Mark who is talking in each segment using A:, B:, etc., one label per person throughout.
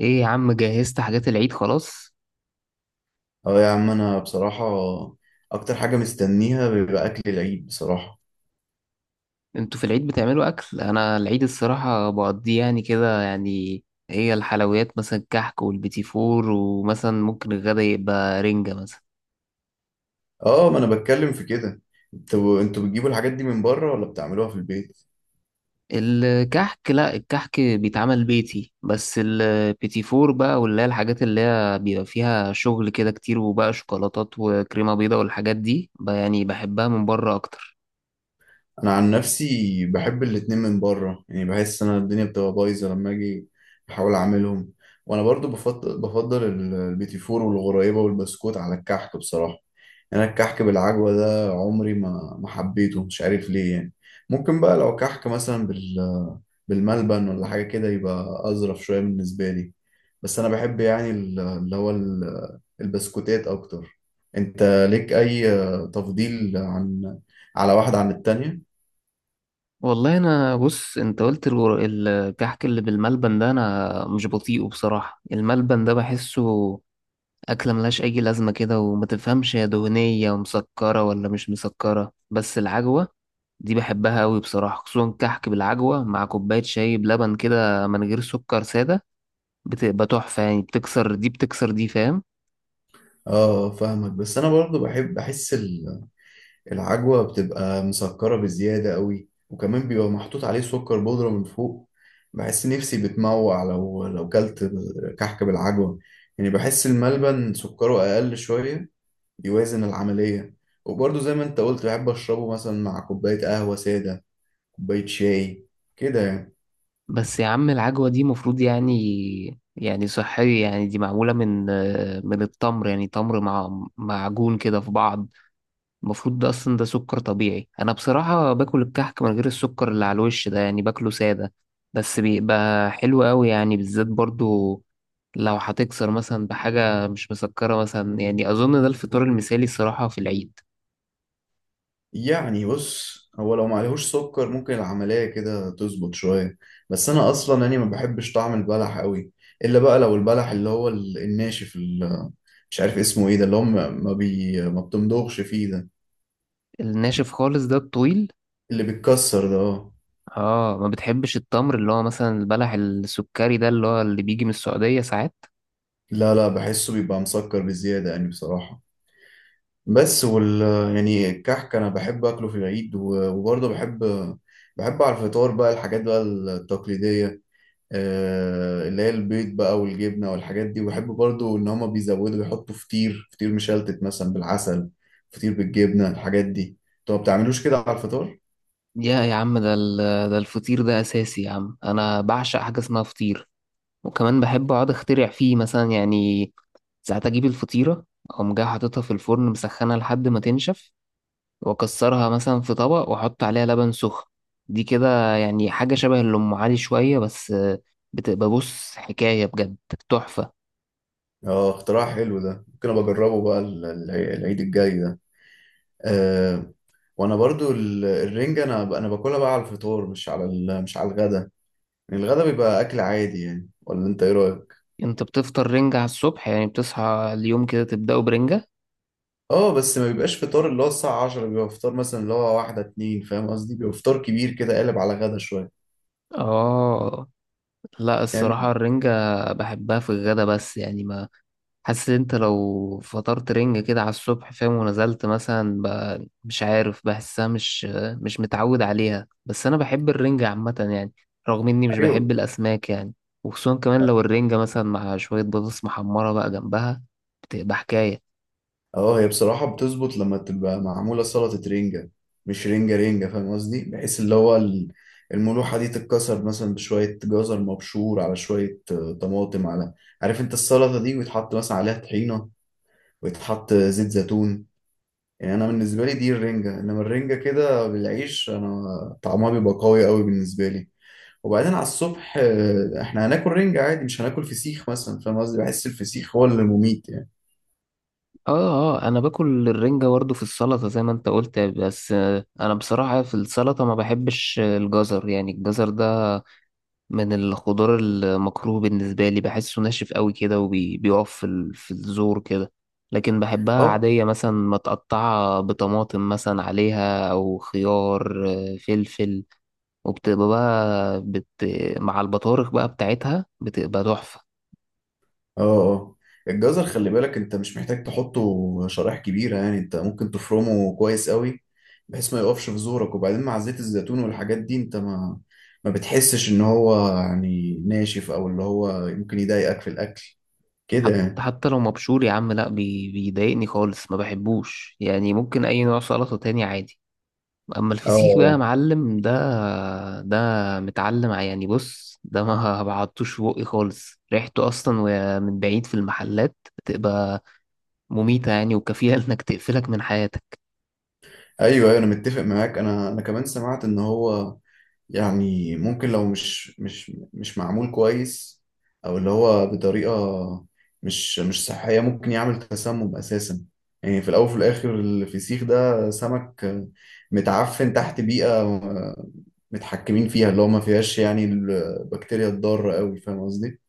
A: ايه يا عم، جهزت حاجات العيد خلاص؟
B: اه يا عم، انا بصراحة اكتر حاجة مستنيها بيبقى اكل العيد بصراحة.
A: انتوا في العيد بتعملوا اكل؟ انا العيد الصراحة بقضيه يعني كده. هي الحلويات مثلا الكحك والبيتي فور، ومثلا ممكن الغدا يبقى رنجة مثلا.
B: اه، ما انا بتكلم في كده. انتوا بتجيبوا الحاجات دي من بره ولا بتعملوها في البيت؟
A: الكحك لا، الكحك بيتعمل بيتي، بس البيتي فور بقى واللي هي الحاجات اللي هي بيبقى فيها شغل كده كتير، وبقى شوكولاتات وكريمة بيضاء والحاجات دي بقى، يعني بحبها من بره اكتر.
B: انا عن نفسي بحب الاتنين من بره، يعني بحس انا الدنيا بتبقى بايظة لما اجي احاول اعملهم. وانا برضو البيتي فور والغريبة والبسكوت على الكحك بصراحة. يعني انا الكحك بالعجوة ده عمري ما حبيته، مش عارف ليه. يعني ممكن بقى لو كحك مثلا بالملبن ولا حاجة كده يبقى أظرف شوية بالنسبة لي. بس أنا بحب، يعني البسكوتات أكتر. أنت ليك أي تفضيل، عن على واحدة عن التانية؟
A: والله انا بص، انت قلت الكحك اللي بالملبن ده انا مش بطيقه بصراحة. الملبن ده بحسه اكلة ملهاش اي لازمة كده، وما تفهمش هي دهنية ومسكرة ولا مش مسكرة. بس العجوة دي بحبها قوي بصراحة، خصوصا كحك بالعجوة مع كوباية شاي بلبن كده من غير سكر سادة، بتبقى تحفة. يعني بتكسر دي، بتكسر دي، فاهم؟
B: اه فاهمك. بس انا برضو بحب، بحس العجوة بتبقى مسكرة بزيادة قوي، وكمان بيبقى محطوط عليه سكر بودرة من فوق. بحس نفسي بتموع لو كلت كحك بالعجوة. يعني بحس الملبن سكره اقل شوية، يوازن العملية. وبرضه زي ما انت قلت، بحب اشربه مثلا مع كوباية قهوة سادة، كوباية شاي كده يعني.
A: بس يا عم العجوة دي مفروض يعني صحية، يعني دي معمولة من من التمر، يعني تمر مع معجون كده في بعض. المفروض ده اصلا ده سكر طبيعي. انا بصراحة باكل الكحك من غير السكر اللي على الوش ده، يعني باكله سادة، بس بيبقى حلو قوي يعني. بالذات برضو لو هتكسر مثلا بحاجة مش مسكرة مثلا، يعني اظن ده الفطار المثالي الصراحة في العيد.
B: يعني بص، هو لو معلهوش سكر ممكن العملية كده تظبط شوية. بس انا اصلا يعني ما بحبش طعم البلح قوي، الا بقى لو البلح اللي هو الناشف، اللي مش عارف اسمه ايه، ده اللي هو ما بتمضغش فيه ده،
A: الناشف خالص ده الطويل.
B: اللي بيتكسر ده. اه.
A: اه، ما بتحبش التمر اللي هو مثلا البلح السكري ده اللي هو اللي بيجي من السعودية ساعات؟
B: لا لا، بحسه بيبقى مسكر بزيادة يعني بصراحة. بس وال يعني الكحك انا بحب اكله في العيد. وبرضه بحب على الفطار بقى الحاجات بقى التقليديه، اللي هي البيض بقى والجبنه والحاجات دي. وبحب برضه ان هما بيزودوا بيحطوا فطير، فطير مشلتت مثلا بالعسل، فطير بالجبنه. الحاجات دي انتوا ما بتعملوش كده على الفطار؟
A: يا عم ده الفطير ده اساسي يا عم. انا بعشق حاجة اسمها فطير، وكمان بحب اقعد اخترع فيه مثلا يعني. ساعات اجيب الفطيرة، اقوم جاي حاططها في الفرن مسخنة لحد ما تنشف، واكسرها مثلا في طبق، واحط عليها لبن سخن. دي كده يعني حاجة شبه اللي ام علي شوية، بس بتبقى، بص، حكاية بجد، تحفة.
B: اه، اختراع حلو ده، ممكن ابقى اجربه بقى العيد الجاي ده. أه وانا برضو الرنجة انا باكلها بقى على الفطار، مش على مش على الغدا. يعني الغدا بيبقى اكل عادي يعني، ولا انت ايه رايك؟
A: انت بتفطر رنجة على الصبح؟ يعني بتصحى اليوم كده تبدأه برنجة؟
B: اه، بس ما بيبقاش فطار، اللي هو الساعه 10 بيبقى فطار مثلا، اللي هو واحده اتنين فاهم قصدي، بيبقى فطار كبير كده قالب على غدا شويه
A: اه. لا
B: يعني.
A: الصراحة الرنجة بحبها في الغدا، بس يعني ما، حاسس انت لو فطرت رنج كده على الصبح، فاهم، ونزلت مثلا مش عارف، بحسها مش، مش متعود عليها. بس انا بحب الرنجة عامة يعني، رغم اني مش
B: ايوه.
A: بحب الاسماك يعني. وخصوصا كمان لو الرنجة مثلا مع شوية بطاطس محمرة بقى جنبها، بتبقى حكاية.
B: اه، هي بصراحه بتظبط لما تبقى معموله سلطه رنجه، مش رنجه رنجه فاهم قصدي، بحيث اللي هو الملوحه دي تتكسر مثلا بشويه جزر مبشور، على شويه طماطم، على عارف انت السلطه دي، ويتحط مثلا عليها طحينه ويتحط زيت زيتون. يعني انا بالنسبه لي دي الرنجه. انما الرنجه كده بالعيش، انا طعمها بيبقى قوي قوي بالنسبه لي. وبعدين على الصبح احنا هناكل رنجه عادي، مش هناكل فسيخ مثلا، فاهم قصدي؟ بحس الفسيخ هو اللي مميت يعني.
A: اه اه، انا باكل الرنجة برضه في السلطة زي ما انت قلت، بس آه، انا بصراحة في السلطة ما بحبش الجزر. يعني الجزر ده من الخضار المكروه بالنسبة لي، بحسه ناشف قوي كده، وبيقف في في الزور كده. لكن بحبها
B: اه
A: عادية مثلا متقطعة بطماطم مثلا عليها، أو خيار، آه، فلفل. وبتبقى بقى بت... مع البطارخ بقى بتاعتها، بتبقى تحفة.
B: اه. اه، الجزر خلي بالك، انت مش محتاج تحطه شرايح كبيره، يعني انت ممكن تفرمه كويس قوي بحيث ما يقفش في زورك. وبعدين مع زيت الزيتون والحاجات دي، انت ما بتحسش ان هو يعني ناشف، او اللي هو ممكن يضايقك في الاكل كده
A: حتى
B: يعني.
A: حتى لو مبشور يا عم لا، بي... بيضايقني خالص، ما بحبوش يعني. ممكن أي نوع سلطة تاني عادي، اما الفسيخ بقى يا
B: اه.
A: معلم، ده ده متعلم يعني بص، ده ما بعضتوش في بقي خالص. ريحته اصلا وهي من بعيد في المحلات بتبقى مميتة يعني، وكفيلة انك تقفلك من حياتك.
B: ايوه ايوه، انا متفق معاك. انا كمان سمعت ان هو يعني ممكن لو مش مش معمول كويس، او اللي هو بطريقه مش صحيه، ممكن يعمل تسمم اساسا. يعني في الاول وفي الاخر، الفسيخ ده سمك متعفن تحت بيئه متحكمين فيها، اللي هو ما فيهاش يعني البكتيريا الضاره قوي، فاهم قصدي؟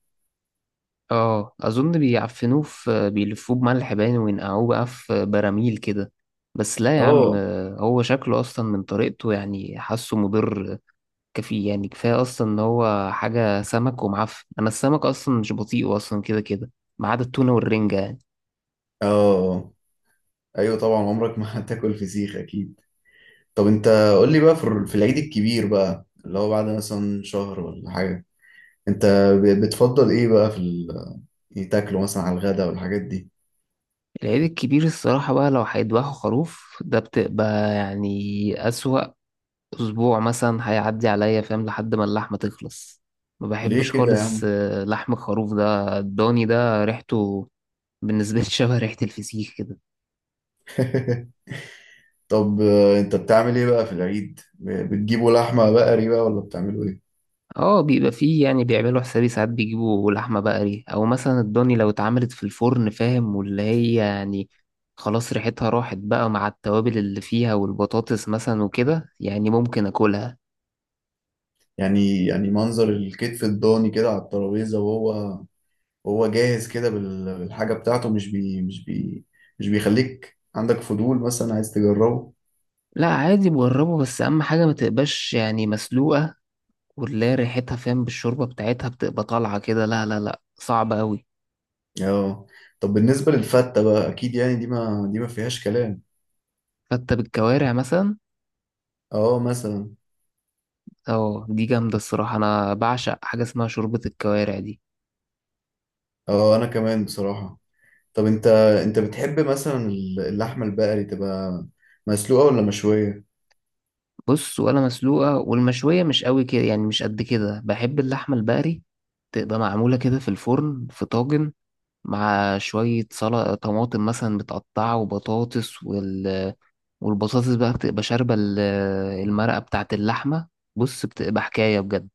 A: اه اظن بيعفنوه في، بيلفوه بملح باين وينقعوه بقى في براميل كده، بس لا يا عم،
B: اه
A: هو شكله اصلا من طريقته يعني حاسه مضر. كفي يعني كفاية اصلا ان هو حاجة سمك ومعفن. انا السمك اصلا مش بطيء اصلا كده كده، ما عدا التونة والرنجة يعني.
B: اه. ايوه طبعا، عمرك ما هتاكل فسيخ اكيد. طب انت قول لي بقى، في في العيد الكبير بقى، اللي هو بعد مثلا شهر ولا حاجة، انت بتفضل ايه بقى في ال...، يعني تاكله مثلا على الغدا والحاجات دي؟
A: العيد الكبير الصراحة بقى، لو هيدبحوا خروف ده، بتبقى يعني أسوأ أسبوع مثلا هيعدي عليا فاهم، لحد ما اللحمة تخلص. ما
B: ليه
A: بحبش
B: كده يا
A: خالص
B: عم؟
A: آه، لحم الخروف ده، الضاني ده ريحته بالنسبة لي شبه ريحة الفسيخ كده.
B: طب انت بتعمل ايه بقى في العيد؟ بتجيبوا لحمة بقري بقى، ولا بتعملوا ايه؟
A: اه بيبقى فيه يعني، بيعملوا حسابي، ساعات بيجيبوا لحمة بقري، أو مثلا الضاني لو اتعملت في الفرن فاهم، واللي هي يعني خلاص ريحتها راحت بقى مع التوابل اللي فيها والبطاطس مثلا وكده، يعني ممكن أكلها.
B: يعني، يعني منظر الكتف الضاني كده على الترابيزة، وهو وهو جاهز كده بالحاجة بتاعته، مش مش بيخليك عندك فضول مثلا عايز تجربه؟
A: لا عادي بجربه، بس اهم حاجه ما تبقاش يعني مسلوقه، واللي هي ريحتها فاهم بالشوربه بتاعتها بتبقى طالعه كده، لا، صعبه قوي.
B: اه. طب بالنسبة للفتة بقى، أكيد يعني دي، ما فيهاش كلام.
A: فتة بالكوارع مثلا.
B: اه مثلا.
A: اه دي جامده الصراحه، انا بعشق حاجه اسمها شوربه الكوارع دي.
B: اه أنا كمان بصراحة. طب أنت بتحب مثلا اللحمة البقري تبقى مسلوقة ولا مشوية؟
A: بص، ولا مسلوقه والمشويه مش قوي كده يعني، مش قد كده. بحب اللحمه البقري تبقى معموله كده في الفرن في طاجن، مع شويه سلطه طماطم مثلا متقطعه وبطاطس والبطاطس بقى بتبقى شاربة المرقة بتاعة اللحمة، بص بتبقى حكاية بجد.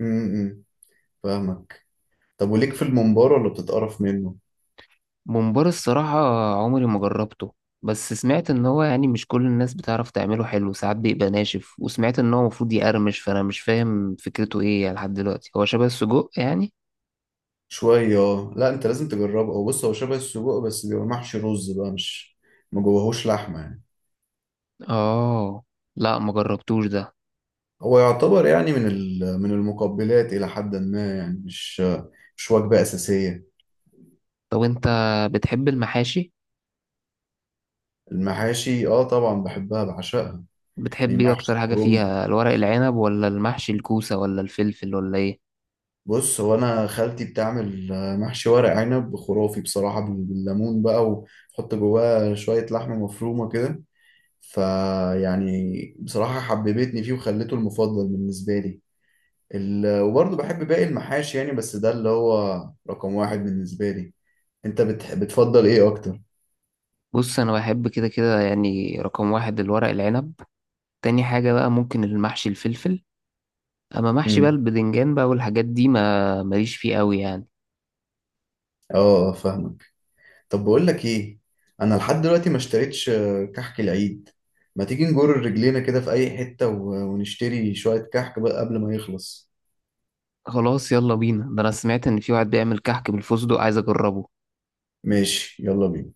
B: امم فاهمك. طب وليك في الممبار، ولا بتتقرف منه؟
A: ممبار الصراحة عمري ما جربته، بس سمعت ان هو يعني مش كل الناس بتعرف تعمله حلو، ساعات بيبقى ناشف، وسمعت ان هو المفروض يقرمش، فانا مش فاهم فكرته ايه يعني لحد دلوقتي. هو شبه السجق يعني؟
B: شوية اه. لا، أنت لازم تجربه. هو بص، هو شبه السجق، بس بيبقى محشي رز بقى، مش ما جواهوش لحمة يعني.
A: اه. لا ما جربتوش ده.
B: هو يعتبر يعني من ال...، من المقبلات إلى حد ما يعني، مش وجبة أساسية.
A: طب انت بتحب المحاشي؟
B: المحاشي، اه طبعا بحبها بعشقها. يعني
A: بتحب ايه
B: محشي
A: اكتر حاجة
B: كروم،
A: فيها، الورق العنب ولا المحشي الكوسة ولا الفلفل ولا ايه؟
B: بص هو انا خالتي بتعمل محشي ورق عنب خرافي بصراحة، بالليمون بقى، وتحط جواه شوية لحمة مفرومة كده. فيعني بصراحة حببتني فيه وخليته المفضل بالنسبة لي. ال...، وبرضه بحب باقي المحاشي يعني، بس ده اللي هو رقم واحد بالنسبة لي. انت بتفضل ايه اكتر؟
A: بص انا بحب كده كده، يعني رقم واحد الورق العنب، تاني حاجة بقى ممكن المحشي الفلفل. أما محشي بقى
B: امم
A: البدنجان بقى والحاجات دي، ما ماليش فيه قوي يعني.
B: اه، فاهمك. طب بقول لك ايه، انا لحد دلوقتي ما اشتريتش كحك العيد. ما تيجي نجر رجلينا كده في اي حتة، ونشتري شوية كحك بقى قبل ما يخلص.
A: خلاص يلا بينا. ده أنا سمعت إن في واحد بيعمل كحك بالفستق، عايز أجربه.
B: ماشي يلا بينا.